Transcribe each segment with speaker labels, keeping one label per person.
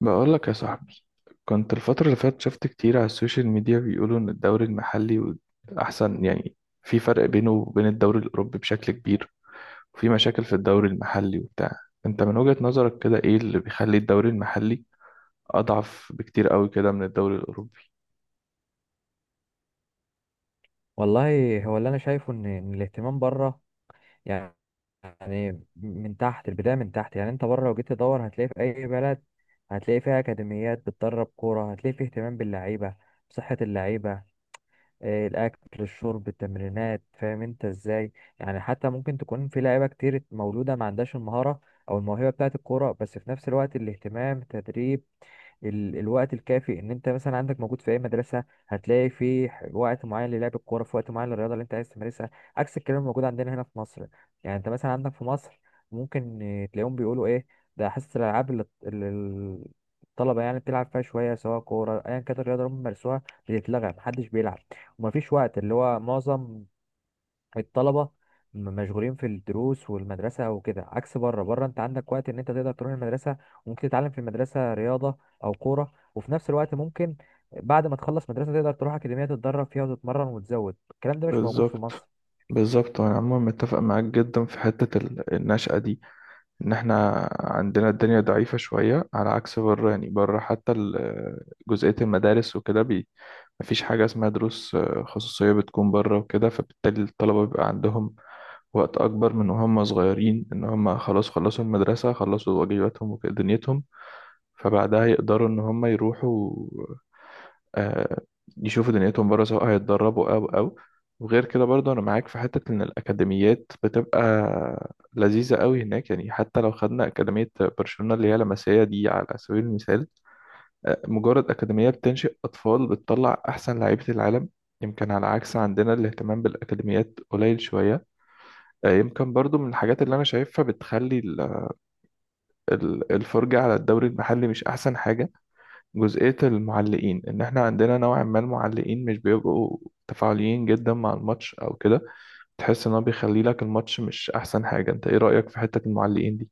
Speaker 1: بقول لك يا صاحبي، كنت الفترة اللي فاتت شفت كتير على السوشيال ميديا بيقولوا إن الدوري المحلي أحسن، يعني في فرق بينه وبين الدوري الأوروبي بشكل كبير وفي مشاكل في الدوري المحلي وبتاع. أنت من وجهة نظرك كده إيه اللي بيخلي الدوري المحلي أضعف بكتير قوي كده من الدوري الأوروبي؟
Speaker 2: والله هو اللي انا شايفه إن الاهتمام بره. يعني يعني من تحت البدايه، من تحت، يعني انت بره لو جيت تدور هتلاقي في اي بلد، هتلاقي فيها اكاديميات بتدرب كوره، هتلاقي في اهتمام باللعيبه، بصحه اللعيبه، الاكل، الشرب، التمرينات، فاهم انت ازاي. يعني حتى ممكن تكون في لعيبه كتير مولوده ما عندهاش المهاره او الموهبه بتاعه الكوره، بس في نفس الوقت الاهتمام، التدريب، الوقت الكافي، ان انت مثلا عندك موجود في اي مدرسه هتلاقي في وقت معين للعب الكوره، في وقت معين للرياضه اللي انت عايز تمارسها، عكس الكلام الموجود عندنا هنا في مصر. يعني انت مثلا عندك في مصر ممكن تلاقيهم بيقولوا ايه، ده حصه الالعاب اللي الطلبه يعني بتلعب فيها شويه، سواء كوره ايا كانت الرياضه اللي هم بيمارسوها، بتتلغى، محدش بيلعب، ومفيش وقت، اللي هو معظم الطلبة مشغولين في الدروس والمدرسة وكده. عكس بره انت عندك وقت ان انت تقدر تروح المدرسة، وممكن تتعلم في المدرسة رياضة او كورة، وفي نفس الوقت ممكن بعد ما تخلص مدرسة تقدر تروح أكاديمية تتدرب فيها وتتمرن وتزود. الكلام ده مش موجود في
Speaker 1: بالظبط.
Speaker 2: مصر.
Speaker 1: بالظبط، وأنا عموما متفق معاك جدا في حتة النشأة دي، ان احنا عندنا الدنيا ضعيفة شوية على عكس بره. يعني بره حتى جزئية المدارس وكده مفيش حاجة اسمها دروس خصوصية بتكون بره وكده، فبالتالي الطلبة بيبقى عندهم وقت أكبر، من وهم صغيرين إن هم خلاص خلصوا المدرسة خلصوا واجباتهم ودنيتهم، فبعدها يقدروا ان هم يروحوا آه، يشوفوا دنيتهم بره، سواء هيتدربوا او. وغير كده برضه انا معاك في حتة ان الاكاديميات بتبقى لذيذة قوي هناك، يعني حتى لو خدنا اكاديمية برشلونة اللي هي لمسية دي على سبيل المثال، مجرد اكاديمية بتنشئ اطفال بتطلع احسن لعيبة العالم. يمكن على عكس عندنا الاهتمام بالاكاديميات قليل شوية. يمكن برضو من الحاجات اللي انا شايفها بتخلي الفرجة على الدوري المحلي مش احسن حاجة، جزئية المعلقين. إن إحنا عندنا نوعا ما المعلقين مش بيبقوا تفاعليين جدا مع الماتش أو كده، تحس إن هو بيخلي لك الماتش مش أحسن حاجة. أنت إيه رأيك في حتة المعلقين دي؟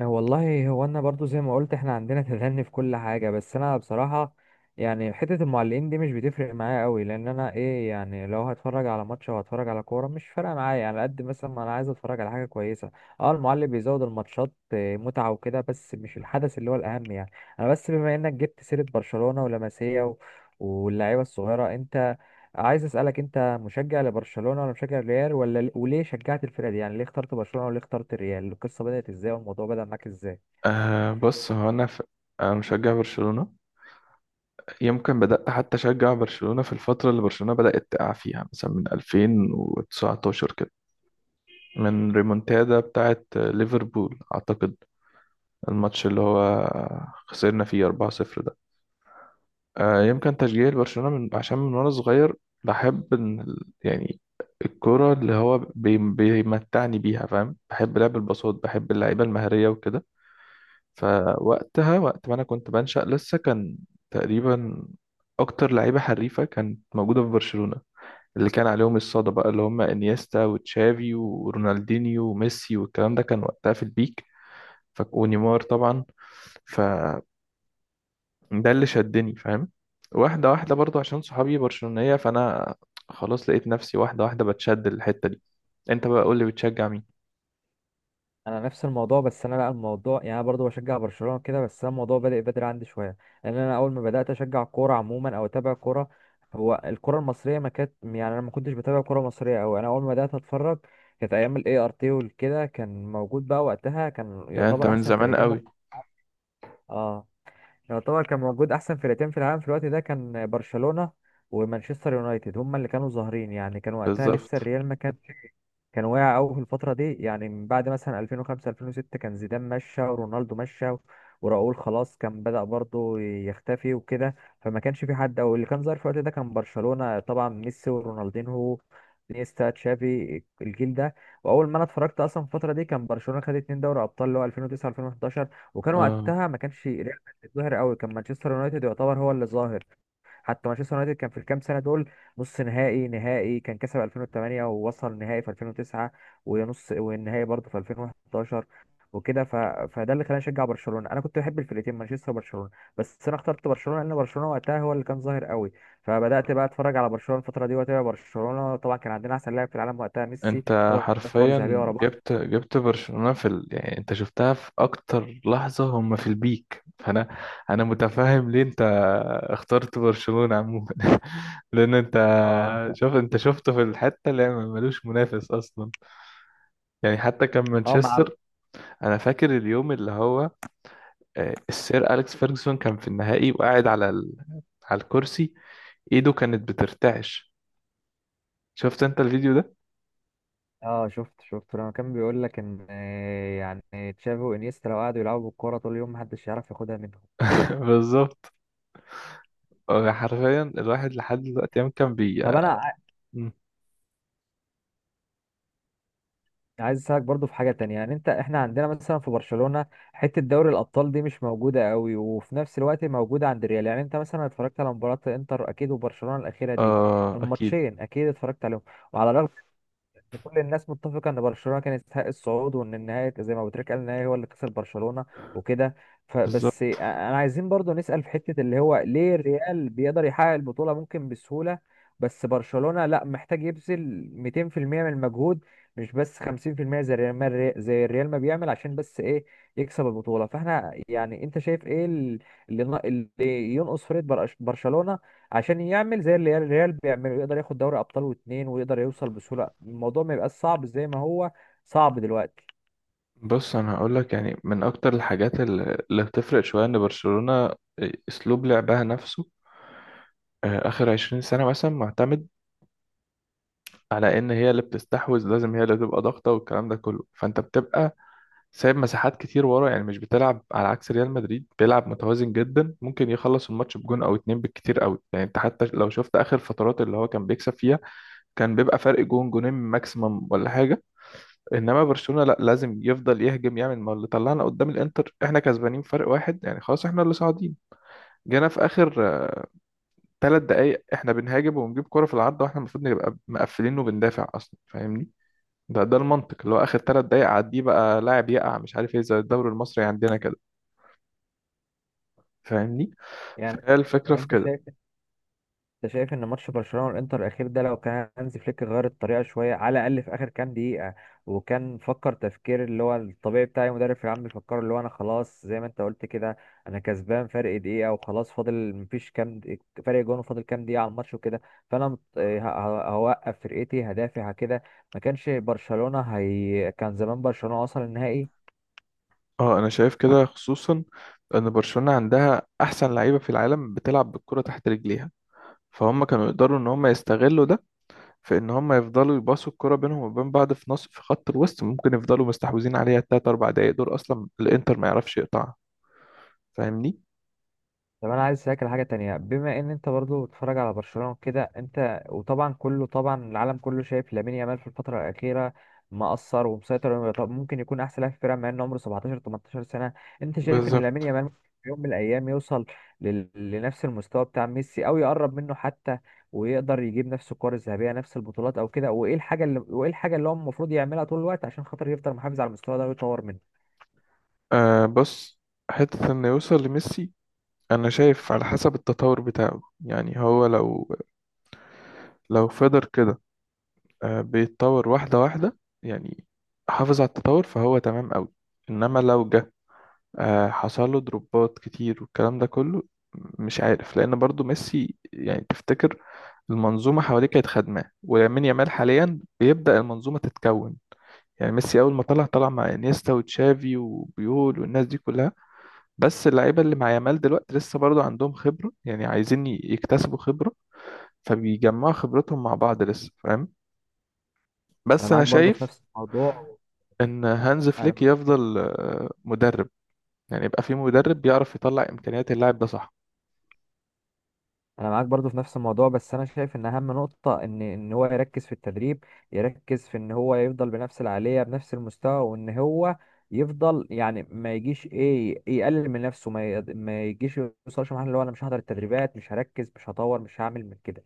Speaker 2: والله هو انا برضو زي ما قلت احنا عندنا تدني في كل حاجه، بس انا بصراحه يعني حته المعلقين دي مش بتفرق معايا قوي، لان انا ايه يعني، لو هتفرج على ماتش او هتفرج على كوره مش فارقه معايا، يعني على قد مثلا ما انا عايز اتفرج على حاجه كويسه. اه، المعلق بيزود الماتشات متعه وكده، بس مش الحدث اللي هو الاهم يعني. انا بس بما انك جبت سيره برشلونه ولاماسيا واللعيبه الصغيره، انت عايز اسالك، انت مشجع لبرشلونه ولا مشجع للريال؟ ولا وليه شجعت الفرقه دي؟ يعني ليه اخترت برشلونه، وليه اخترت الريال؟ القصه بدات ازاي والموضوع بدا معاك ازاي؟
Speaker 1: بص، هو أنا أنا مشجع برشلونة. يمكن بدأت حتى أشجع برشلونة في الفترة اللي برشلونة بدأت تقع فيها، مثلا من 2019 كده، من ريمونتادا بتاعت ليفربول أعتقد، الماتش اللي هو خسرنا فيه 4-0. يمكن تشجيعي لبرشلونة عشان من وأنا صغير بحب إن يعني الكرة اللي هو بيمتعني بيها، فاهم، بحب لعب الباصات بحب اللعيبة المهرية وكده. فوقتها وقت ما أنا كنت بنشأ لسه، كان تقريبا أكتر لعيبة حريفة كانت موجودة في برشلونة، اللي كان عليهم الصدى بقى، اللي هم إنيستا وتشافي ورونالدينيو وميسي، والكلام ده كان وقتها في البيك، ونيمار طبعا. ف ده اللي شدني، فاهم. واحدة واحدة برضو عشان صحابي برشلونية، فأنا خلاص لقيت نفسي واحدة واحدة بتشد الحتة دي. انت بقى قول لي بتشجع مين؟
Speaker 2: انا نفس الموضوع، بس انا لا، الموضوع يعني انا برضه بشجع برشلونه كده، بس انا الموضوع بدا بدري عندي شويه، لان انا اول ما بدات اشجع كوره عموما او اتابع كوره، هو الكوره المصريه ما كانت، يعني انا ما كنتش بتابع كوره مصريه قوي. انا اول ما بدات اتفرج كانت ايام الاي ار تي وكده، كان موجود بقى وقتها، كان
Speaker 1: يعني انت
Speaker 2: يعتبر
Speaker 1: من
Speaker 2: احسن
Speaker 1: زمان
Speaker 2: فرقتين
Speaker 1: قوي.
Speaker 2: اه، يعتبر كان موجود احسن فرقتين في العالم في الوقت ده، كان برشلونة ومانشستر يونايتد هما اللي كانوا ظاهرين. يعني كان وقتها لسه
Speaker 1: بالظبط.
Speaker 2: الريال ما كانش، كان واقع قوي في الفترة دي، يعني من بعد مثلا 2005 2006 كان زيدان مشى ورونالدو مشى وراؤول خلاص كان بدأ برضه يختفي وكده. فما كانش في حد، او اللي كان ظاهر في الوقت ده كان برشلونة، طبعا ميسي ورونالدينهو، نيستا، تشافي، الجيل ده. واول ما انا اتفرجت اصلا في الفتره دي كان برشلونه خد اتنين دوري ابطال اللي هو 2009 2011، وكان
Speaker 1: اه،
Speaker 2: وقتها ما كانش ريال مدريد ظاهر قوي، كان مانشستر يونايتد يعتبر هو اللي ظاهر. حتى مانشستر يونايتد كان في الكام سنه دول نص نهائي، نهائي، كان كسب 2008 ووصل نهائي في 2009 ونص والنهائي برضه في 2011 وكده. فده اللي خلاني اشجع برشلونه. انا كنت بحب الفرقتين مانشستر وبرشلونه، بس انا اخترت برشلونه لان برشلونه وقتها هو اللي كان ظاهر قوي. فبدات بقى اتفرج على برشلونه الفتره دي واتابع برشلونه، طبعا كان عندنا احسن لاعب في العالم وقتها ميسي،
Speaker 1: انت
Speaker 2: ثلاث كور ذهبيه
Speaker 1: حرفيا
Speaker 2: ورا بعض.
Speaker 1: جبت برشلونة في يعني انت شفتها في اكتر لحظة هم في البيك، فانا انا متفاهم ليه انت اخترت برشلونة عموما. لان انت،
Speaker 2: اه.
Speaker 1: شوف، انت شفته في الحتة اللي ملوش منافس اصلا، يعني حتى كان
Speaker 2: اه.
Speaker 1: مانشستر. انا فاكر اليوم اللي هو السير اليكس فيرجسون كان في النهائي وقاعد على على الكرسي، ايده كانت بترتعش. شفت انت الفيديو ده؟
Speaker 2: اه، شفت لما كان بيقول لك ان يعني تشافي وانيستا لو قعدوا يلعبوا بالكوره طول اليوم محدش يعرف ياخدها منهم.
Speaker 1: بالظبط. حرفيا الواحد لحد دلوقتي، يوم كان
Speaker 2: طب انا
Speaker 1: مم.
Speaker 2: عايز اسالك برضو في حاجه تانية، يعني انت، احنا عندنا مثلا في برشلونه حته دوري الابطال دي مش موجوده قوي، وفي نفس الوقت موجوده عند الريال. يعني انت مثلا اتفرجت على مباراه انتر اكيد وبرشلونه الاخيره دي،
Speaker 1: اه اكيد.
Speaker 2: الماتشين اكيد اتفرجت عليهم. وعلى الرغم إن كل الناس متفقة إن برشلونة كانت تستحق الصعود، وإن النهاية زي ما أبو تريكة قال النهاية هو اللي كسب برشلونة وكده، فبس
Speaker 1: بالظبط.
Speaker 2: أنا عايزين برضو نسأل في حتة اللي هو ليه الريال بيقدر يحقق البطولة ممكن بسهولة، بس برشلونة لا، محتاج يبذل 200% من المجهود، مش بس 50% زي الريال ما، زي الريال ما بيعمل عشان بس إيه، يكسب البطولة. فاحنا يعني، أنت شايف إيه اللي ينقص فريق برشلونة عشان يعمل زي اللي الريال بيعمله، يقدر ياخد دوري ابطال واتنين ويقدر يوصل بسهوله، الموضوع ما يبقاش صعب زي ما هو صعب دلوقتي؟
Speaker 1: بص انا هقول لك، يعني من اكتر الحاجات اللي بتفرق شويه ان برشلونه، اسلوب لعبها نفسه اخر 20 سنه مثلا معتمد على ان هي اللي بتستحوذ، لازم هي اللي تبقى ضاغطه والكلام ده كله، فانت بتبقى سايب مساحات كتير ورا، يعني مش بتلعب. على عكس ريال مدريد بيلعب متوازن جدا، ممكن يخلص الماتش بجون او اتنين بالكتير قوي. يعني انت حتى لو شفت اخر فترات اللي هو كان بيكسب فيها، كان بيبقى فرق جون جونين ماكسيمم ولا حاجه. انما برشلونه لا، لازم يفضل يهجم، يعمل ما اللي طلعنا قدام الانتر، احنا كسبانين فرق واحد يعني خلاص احنا اللي صاعدين، جينا في اخر 3 دقايق احنا بنهاجم وبنجيب كرة في العارضه واحنا المفروض نبقى مقفلين وبندافع اصلا، فاهمني. ده المنطق، اللي هو اخر 3 دقايق عديه بقى لاعب يقع مش عارف ايه، زي الدوري المصري عندنا كده، فاهمني.
Speaker 2: يعني
Speaker 1: فهي الفكرة
Speaker 2: يعني
Speaker 1: في
Speaker 2: انت
Speaker 1: كده.
Speaker 2: شايف انت شايف ان ماتش برشلونه والانتر الاخير ده لو كان هانزي فليك غير الطريقه شويه على الاقل في اخر كام دقيقه، وكان فكر تفكير اللي هو الطبيعي بتاع اي مدرب في العام، بيفكر اللي هو انا خلاص زي ما انت قلت كده، انا كسبان فرق دقيقه وخلاص، فاضل مفيش فرق جون، وفاضل كام دقيقه على الماتش وكده، فانا هوقف فرقتي، هدافع كده، ما كانش برشلونه، هي كان زمان برشلونه وصل النهائي.
Speaker 1: اه انا شايف كده، خصوصا ان برشلونة عندها احسن لعيبة في العالم بتلعب بالكرة تحت رجليها، فهم كانوا يقدروا ان هم يستغلوا ده في ان هم يفضلوا يباصوا الكرة بينهم وبين بعض في نص في خط الوسط، ممكن يفضلوا مستحوذين عليها التلات اربع دقايق دول اصلا الانتر ما يعرفش يقطعها، فاهمني.
Speaker 2: طب انا عايز اسالك على حاجه تانية، بما ان انت برضو بتتفرج على برشلونه وكده انت، وطبعا كله، طبعا العالم كله شايف لامين يامال في الفتره الاخيره مأثر ومسيطر، طب ممكن يكون احسن لاعب في الفرقه مع ان عمره 17 18 سنه. انت شايف ان لامين
Speaker 1: بالظبط.
Speaker 2: يامال ممكن في يوم من الايام يوصل لنفس المستوى بتاع ميسي او يقرب منه حتى، ويقدر يجيب نفس الكور الذهبيه، نفس البطولات او كده؟ وايه الحاجه اللي، هو المفروض يعملها طول الوقت عشان خاطر يفضل محافظ على المستوى ده ويطور منه؟
Speaker 1: بص، حتة انه يوصل لميسي انا شايف على حسب التطور بتاعه. يعني هو لو فضل كده بيتطور واحدة واحدة، يعني حافظ على التطور فهو تمام قوي. انما لو جه حصل له دروبات كتير والكلام ده كله، مش عارف. لان برضو ميسي، يعني تفتكر المنظومة حواليه كانت خدماه؟ ولامين يامال حاليا بيبدأ المنظومة تتكون. يعني ميسي اول ما طلع، طلع مع انيستا وتشافي وبيول والناس دي كلها، بس اللعيبة اللي مع يامال دلوقتي لسه برضو عندهم خبرة، يعني عايزين يكتسبوا خبرة، فبيجمعوا خبرتهم مع بعض لسه، فاهم.
Speaker 2: انا
Speaker 1: بس انا
Speaker 2: معاك برضو في
Speaker 1: شايف
Speaker 2: نفس الموضوع
Speaker 1: ان هانز
Speaker 2: انا
Speaker 1: فليك يفضل مدرب، يعني يبقى في مدرب بيعرف يطلع امكانيات اللاعب ده، صح.
Speaker 2: انا معاك برضو في نفس الموضوع، بس انا شايف ان اهم نقطة ان هو يركز في التدريب، يركز في ان هو يفضل بنفس العالية، بنفس المستوى، وان هو يفضل، يعني ما يجيش ايه يقلل من نفسه، ما يجيش يوصلش لمرحلة اللي هو انا مش هحضر التدريبات، مش هركز، مش هطور، مش هعمل من كده.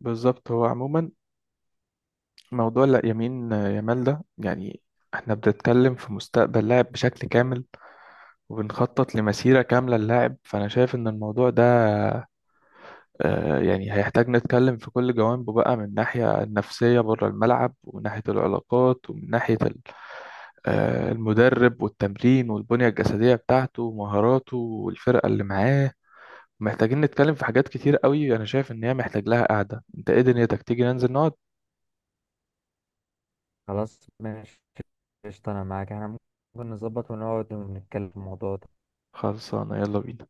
Speaker 1: بالظبط. هو عموما موضوع لا يمين يامال ده، يعني احنا بنتكلم في مستقبل لاعب بشكل كامل وبنخطط لمسيرة كاملة للاعب، فانا شايف ان الموضوع ده يعني هيحتاج نتكلم في كل جوانبه بقى، من ناحية النفسية بره الملعب، ومن ناحية العلاقات، ومن ناحية المدرب والتمرين والبنية الجسدية بتاعته ومهاراته والفرقة اللي معاه. محتاجين نتكلم في حاجات كتير قوي، انا شايف ان هي محتاج لها قعدة. انت ايه دنيتك؟ تيجي ننزل نقعد.
Speaker 2: خلاص ماشي، قشطة انا معاك، احنا ممكن نظبط ونقعد ونتكلم في الموضوع ده.
Speaker 1: خلصانة، يلا بينا.